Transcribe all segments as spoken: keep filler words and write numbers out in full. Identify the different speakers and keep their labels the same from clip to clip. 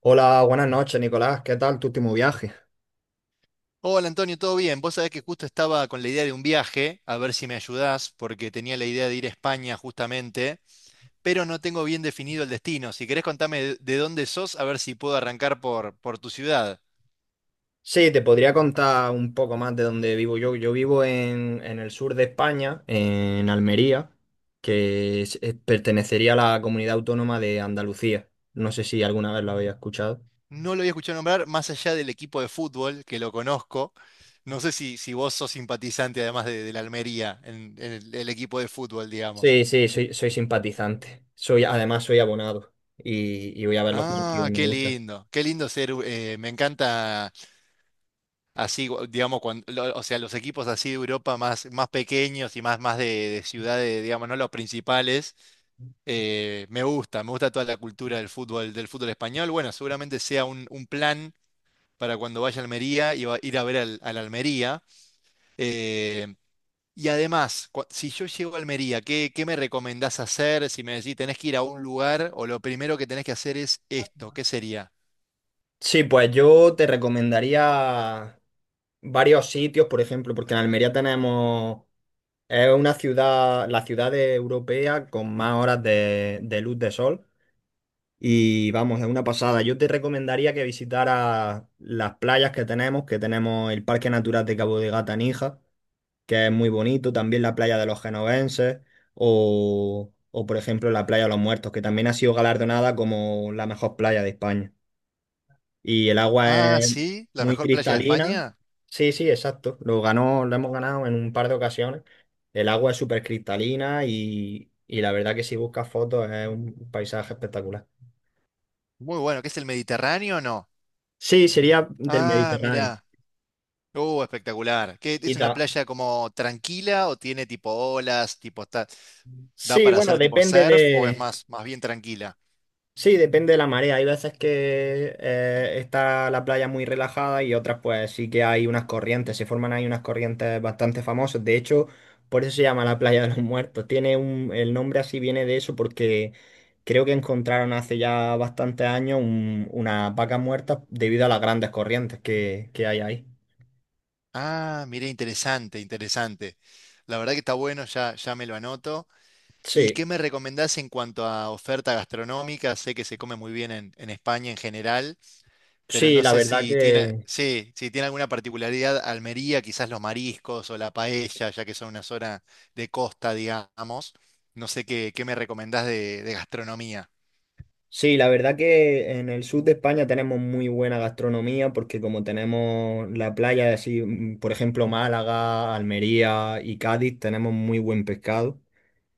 Speaker 1: Hola, buenas noches, Nicolás. ¿Qué tal tu último viaje?
Speaker 2: Hola Antonio, ¿todo bien? Vos sabés que justo estaba con la idea de un viaje, a ver si me ayudás, porque tenía la idea de ir a España justamente, pero no tengo bien definido el destino. Si querés contame de de dónde sos, a ver si puedo arrancar por, por tu ciudad.
Speaker 1: Sí, te podría contar un poco más de dónde vivo yo. Yo vivo en, en el sur de España, en Almería, que es- es- pertenecería a la comunidad autónoma de Andalucía. No sé si alguna vez lo había escuchado.
Speaker 2: No lo había escuchado nombrar más allá del equipo de fútbol, que lo conozco. No sé si, si vos sos simpatizante además de, de la Almería, en, en el, el equipo de fútbol, digamos.
Speaker 1: Sí, sí, soy, soy simpatizante. Soy, además, soy abonado y, y voy a ver los partidos,
Speaker 2: Ah,
Speaker 1: me
Speaker 2: qué
Speaker 1: gusta.
Speaker 2: lindo, qué lindo ser, eh, me encanta. Así, gu- digamos, cuando, lo- o sea, los equipos así de Europa más, más pequeños y más, más de, de ciudades, digamos, no los principales, eh, me gusta, me gusta toda la cultura del fútbol, del fútbol español. Bueno, seguramente sea un, un plan para cuando vaya a Almería y va- ir a ver al, al Almería. Eh, y además, cua- si yo llego a Almería, ¿qué, qué me recomendás hacer? Si me decís, tenés que ir a un lugar o lo primero que tenés que hacer es esto, ¿qué sería?
Speaker 1: Sí, pues yo te recomendaría varios sitios, por ejemplo, porque en Almería tenemos. Es una ciudad, la ciudad europea con más horas de, de luz de sol. Y vamos, es una pasada. Yo te recomendaría que visitaras las playas que tenemos, que tenemos el Parque Natural de Cabo de Gata Níjar, que es muy bonito, también la playa de los Genovenses, o, o por ejemplo la playa de los Muertos, que también ha sido galardonada como la mejor playa de España y el agua
Speaker 2: Ah,
Speaker 1: es
Speaker 2: sí, la
Speaker 1: muy
Speaker 2: mejor playa de
Speaker 1: cristalina.
Speaker 2: España.
Speaker 1: Sí, sí, exacto. Lo ganó, lo hemos ganado en un par de ocasiones. El agua es súper cristalina y, y la verdad que si buscas fotos es un paisaje espectacular.
Speaker 2: Muy bueno, ¿qué es el Mediterráneo o no?
Speaker 1: Sí, sería del
Speaker 2: Ah,
Speaker 1: Mediterráneo.
Speaker 2: mirá. Uh, espectacular. ¿Qué, es
Speaker 1: Y
Speaker 2: una
Speaker 1: ta-
Speaker 2: playa como tranquila o tiene tipo olas, tipo está, da
Speaker 1: Sí,
Speaker 2: para
Speaker 1: bueno,
Speaker 2: hacer tipo
Speaker 1: depende
Speaker 2: surf o es
Speaker 1: de,
Speaker 2: más, más bien tranquila?
Speaker 1: sí, depende de la marea. Hay veces que eh, está la playa muy relajada y otras pues sí que hay unas corrientes, se forman ahí unas corrientes bastante famosas. De hecho, por eso se llama la playa de los Muertos. Tiene un, el nombre así viene de eso porque creo que encontraron hace ya bastantes años un- unas vacas muertas debido a las grandes corrientes que, que hay ahí.
Speaker 2: Ah, mirá, interesante, interesante. La verdad que está bueno, ya, ya me lo anoto. ¿Y
Speaker 1: Sí,
Speaker 2: qué me recomendás en cuanto a oferta gastronómica? Sé que se come muy bien en, en España en general. Pero
Speaker 1: sí,
Speaker 2: no
Speaker 1: la
Speaker 2: sé
Speaker 1: verdad.
Speaker 2: si tiene, sí, si tiene alguna particularidad Almería, quizás los mariscos o la paella, ya que son una zona de costa, digamos. No sé qué, qué me recomendás de, de gastronomía.
Speaker 1: Sí, la verdad que en el sur de España tenemos muy buena gastronomía porque como tenemos la playa, así, mm, por ejemplo, Málaga, Almería y Cádiz, tenemos muy buen pescado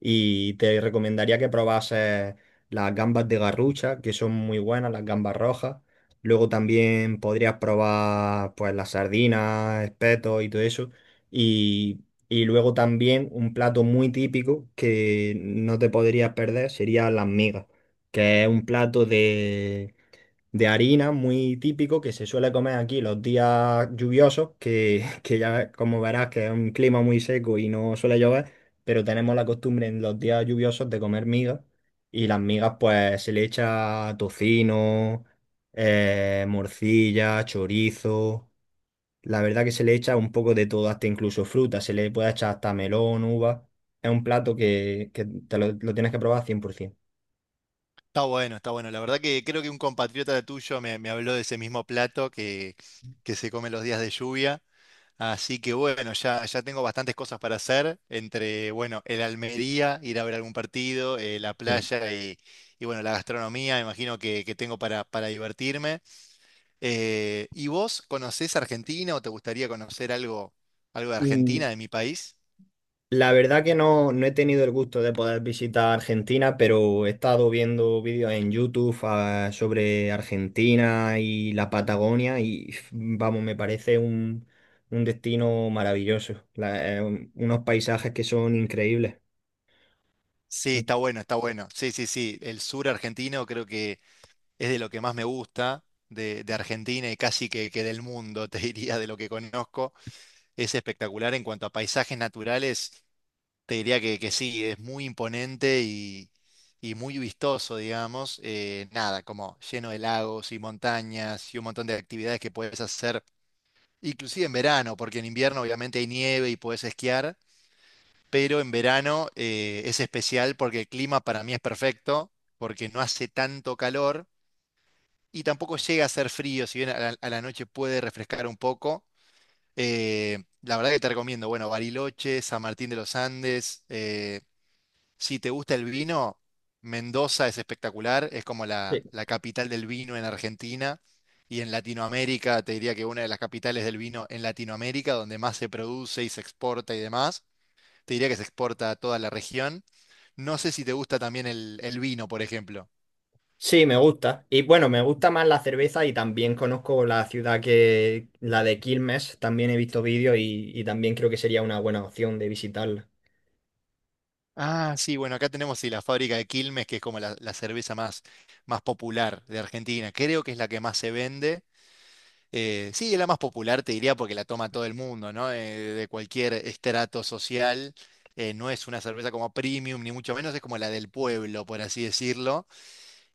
Speaker 1: y te recomendaría que probases las gambas de Garrucha, que son muy buenas, las gambas rojas. Luego también podrías probar pues las sardinas, espetos y todo eso. Y, y luego también un plato muy típico que no te podrías perder sería las migas, que es un plato de, de harina muy típico que se suele comer aquí los días lluviosos, que, que ya como verás que es un clima muy seco y no suele llover, pero tenemos la costumbre en los días lluviosos de comer migas, y las migas pues se le echa tocino, eh, morcilla, chorizo, la verdad que se le echa un poco de todo, hasta incluso fruta, se le puede echar hasta melón, uva. Es un plato que, que te lo, lo tienes que probar cien por ciento.
Speaker 2: Está bueno, está bueno. La verdad que creo que un compatriota tuyo me, me habló de ese mismo plato que, que se come los días de lluvia. Así que bueno, ya, ya tengo bastantes cosas para hacer entre, bueno, el Almería, ir a ver algún partido, eh, la
Speaker 1: Mm.
Speaker 2: playa y, y, bueno, la gastronomía, imagino que, que tengo para, para divertirme. Eh, ¿y vos conocés Argentina o te gustaría conocer algo, algo de Argentina,
Speaker 1: Mm,
Speaker 2: de mi país?
Speaker 1: La verdad que no, no he tenido el gusto de poder visitar Argentina, pero he estado viendo vídeos en YouTube ah, sobre Argentina y la Patagonia y f- vamos, me parece un, un destino maravilloso. La- eh, un- unos paisajes que son increíbles.
Speaker 2: Sí, está bueno, está bueno. Sí, sí, sí. El sur argentino creo que es de lo que más me gusta de, de Argentina y casi que, que del mundo, te diría, de lo que conozco. Es espectacular en cuanto a paisajes naturales, te diría que, que sí, es muy imponente y, y muy vistoso, digamos. Eh, nada, como lleno de lagos y montañas y un montón de actividades que puedes hacer. Inclusive en verano, porque en invierno obviamente hay nieve y puedes esquiar, pero en verano eh, es especial porque el clima para mí es perfecto, porque no hace tanto calor y tampoco llega a ser frío, si bien a la, a la noche puede refrescar un poco. Eh, la verdad que te recomiendo, bueno, Bariloche, San Martín de los Andes, eh, si te gusta el vino, Mendoza es espectacular, es como
Speaker 1: Sí.
Speaker 2: la, la capital del vino en Argentina y en Latinoamérica, te diría que una de las capitales del vino en Latinoamérica, donde más se produce y se exporta y demás, te diría que se exporta a toda la región. No sé si te gusta también el, el vino, por ejemplo.
Speaker 1: Sí, me gusta. Y bueno, me gusta más la cerveza y también conozco la ciudad que, la de Quilmes, también he visto vídeos y, y también creo que sería una buena opción de visitarla.
Speaker 2: Ah, sí, bueno, acá tenemos sí, la fábrica de Quilmes, que es como la, la cerveza más, más popular de Argentina. Creo que es la que más se vende. Eh, sí, es la más popular, te diría, porque la toma todo el mundo, ¿no? Eh, de cualquier estrato social. Eh, no es una cerveza como premium, ni mucho menos, es como la del pueblo, por así decirlo.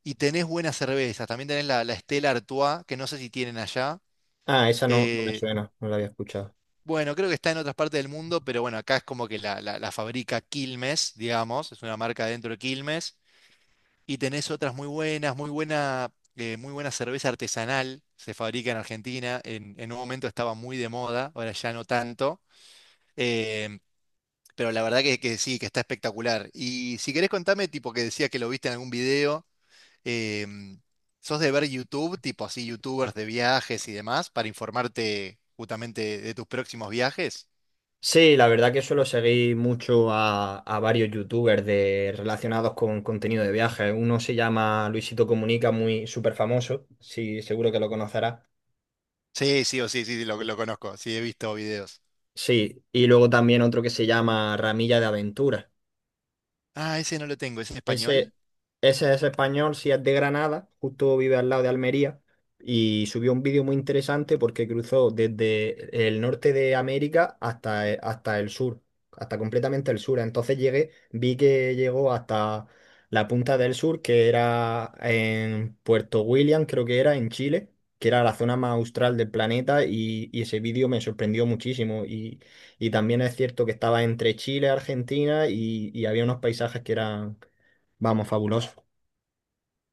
Speaker 2: Y tenés buenas cervezas. También tenés la, la Stella Artois, que no sé si tienen allá.
Speaker 1: Ah, esa no, no me
Speaker 2: Eh,
Speaker 1: suena, no la había escuchado.
Speaker 2: bueno, creo que está en otras partes del mundo, pero bueno, acá es como que la, la- la fabrica Quilmes, digamos. Es una marca dentro de Quilmes. Y tenés otras muy buenas, muy buena, eh, muy buena cerveza artesanal, se fabrica en Argentina, en, en un momento estaba muy de moda, ahora ya no tanto, em, pero la verdad que, que sí, que está espectacular. Y si querés contame, tipo que decía que lo viste en algún video, em, ¿sos de ver YouTube, tipo así, youtubers de viajes y demás, para informarte justamente de tus próximos viajes?
Speaker 1: Sí, la verdad que suelo seguir mucho a, a varios youtubers de, relacionados con contenido de viajes. Uno se llama Luisito Comunica, muy súper famoso, sí, seguro que lo conocerás.
Speaker 2: Sí, sí, o sí, sí, sí, lo, lo conozco, sí, he visto videos.
Speaker 1: Sí, y luego también otro que se llama Ramilla de Aventuras.
Speaker 2: Ah, ese no lo tengo, ¿es en
Speaker 1: Ese,
Speaker 2: español?
Speaker 1: ese es español, si es de Granada, justo vive al lado de Almería, y subió un vídeo muy interesante porque cruzó desde el norte de América hasta, eh, hasta el sur, hasta completamente el sur. Entonces llegué, vi que llegó hasta la punta del sur, que era en Puerto William, creo que era en Chile, que era la zona más austral del planeta, y, y ese vídeo me sorprendió muchísimo. Y, y también es cierto que estaba entre Chile, Argentina, y, y había unos paisajes que eran, vamos, fabuloso.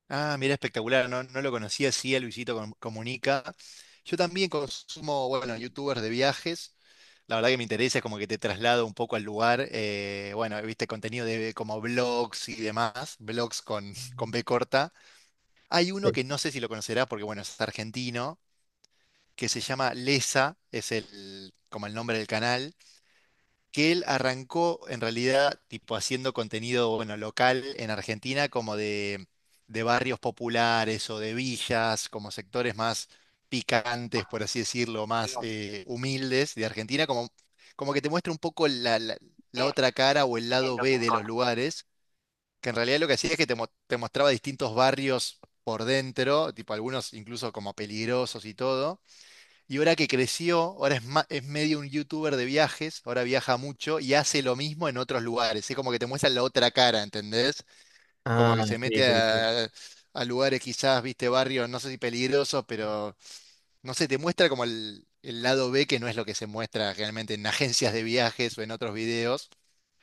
Speaker 2: Ah, mira, espectacular. No, no lo conocía, sí, a Luisito Com- Comunica. Yo también consumo, bueno, youtubers de viajes. La verdad que me interesa, es como que te traslado un poco al lugar. Eh, bueno, viste contenido de como blogs y demás, blogs con, con B corta. Hay uno
Speaker 1: Sí.
Speaker 2: que no sé si lo conocerás porque, bueno, es argentino, que se llama Lesa, es el, como el nombre del canal que él arrancó en realidad tipo haciendo contenido, bueno, local en Argentina, como de, de barrios populares o de villas, como sectores más picantes, por así decirlo, más eh, humildes de Argentina, como, como que te muestra un poco la, la- la otra cara o el lado B de los lugares, que en realidad lo que hacía es que te, mo- te mostraba distintos barrios por dentro, tipo algunos incluso como peligrosos y todo y ahora que creció, ahora es, ma- es medio un youtuber de viajes, ahora viaja mucho y hace lo mismo en otros lugares. Es como que te muestran la otra cara, ¿entendés? Como
Speaker 1: Ah,
Speaker 2: que se
Speaker 1: sí,
Speaker 2: mete
Speaker 1: sí, sí.
Speaker 2: a, a lugares quizás, viste, barrios, no sé si peligrosos, pero no sé, te muestra como el, el lado B que no es lo que se muestra generalmente en agencias de viajes o en otros videos.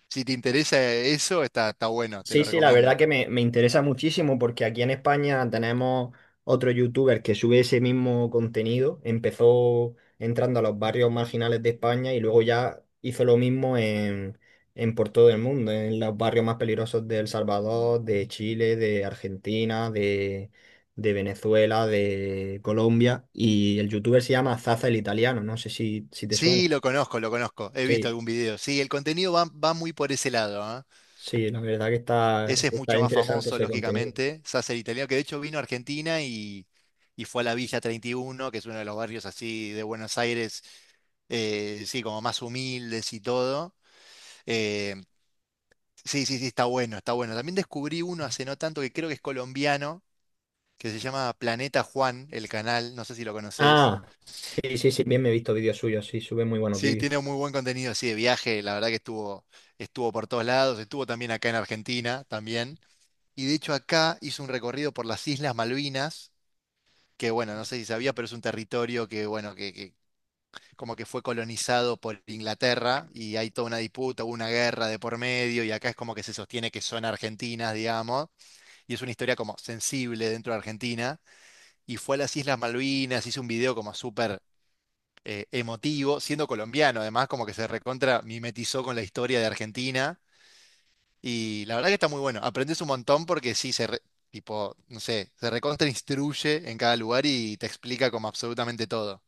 Speaker 2: Si te interesa eso, está, está bueno, te
Speaker 1: Sí,
Speaker 2: lo
Speaker 1: sí, la verdad
Speaker 2: recomiendo.
Speaker 1: que me, me interesa muchísimo porque aquí en España tenemos otro youtuber que sube ese mismo contenido. Empezó entrando a los barrios marginales de España y luego ya hizo lo mismo en, en por todo el mundo, en los barrios más peligrosos de El Salvador, de Chile, de Argentina, de, de Venezuela, de Colombia. Y el youtuber se llama Zaza el Italiano, no sé si, si te suena.
Speaker 2: Sí, lo conozco, lo conozco. He visto
Speaker 1: Sí.
Speaker 2: algún video. Sí, el contenido va, va muy por ese lado, ¿eh?
Speaker 1: Sí, no, la verdad que está,
Speaker 2: Ese es
Speaker 1: está
Speaker 2: mucho más
Speaker 1: interesante
Speaker 2: famoso,
Speaker 1: ese contenido.
Speaker 2: lógicamente. Sasser italiano, que de hecho vino a Argentina y, y fue a la Villa treinta y uno, que es uno de los barrios así de Buenos Aires, eh, sí, como más humildes y todo. Eh, sí, sí, sí, está bueno, está bueno. También descubrí uno hace no tanto que creo que es colombiano, que se llama Planeta Juan, el canal, no sé si lo conoces.
Speaker 1: Ah, sí, sí, sí, bien, me he visto vídeos suyos, sí, sube muy buenos
Speaker 2: Sí,
Speaker 1: vídeos.
Speaker 2: tiene muy buen contenido, sí, de viaje, la verdad que estuvo, estuvo por todos lados, estuvo también acá en Argentina, también. Y de hecho acá hizo un recorrido por las Islas Malvinas que bueno, no sé si sabía, pero es un territorio que, bueno, que, que como que fue colonizado por Inglaterra y hay toda una disputa, hubo una guerra de por medio y acá es como que se sostiene que son argentinas, digamos, y es una historia como sensible dentro de Argentina y fue a las Islas Malvinas, hizo un video como súper eh, emotivo, siendo colombiano además, como que se recontra mimetizó con la historia de Argentina y la verdad que está muy bueno, aprendes un montón porque sí, se... re- Tipo, no sé, se recontra instruye en cada lugar y te explica como absolutamente todo.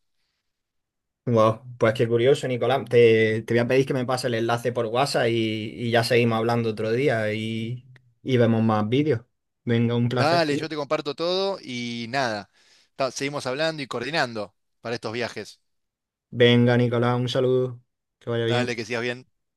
Speaker 1: Wow, pues qué curioso, Nicolás. Te, te voy a pedir que me pase el enlace por WhatsApp y, y ya seguimos hablando otro día y, y vemos más vídeos. Venga, un placer.
Speaker 2: Dale, yo te comparto todo y nada. ta- Seguimos hablando y coordinando para estos viajes.
Speaker 1: Venga, Nicolás, un saludo. Que vaya
Speaker 2: Dale,
Speaker 1: bien.
Speaker 2: que sigas bien.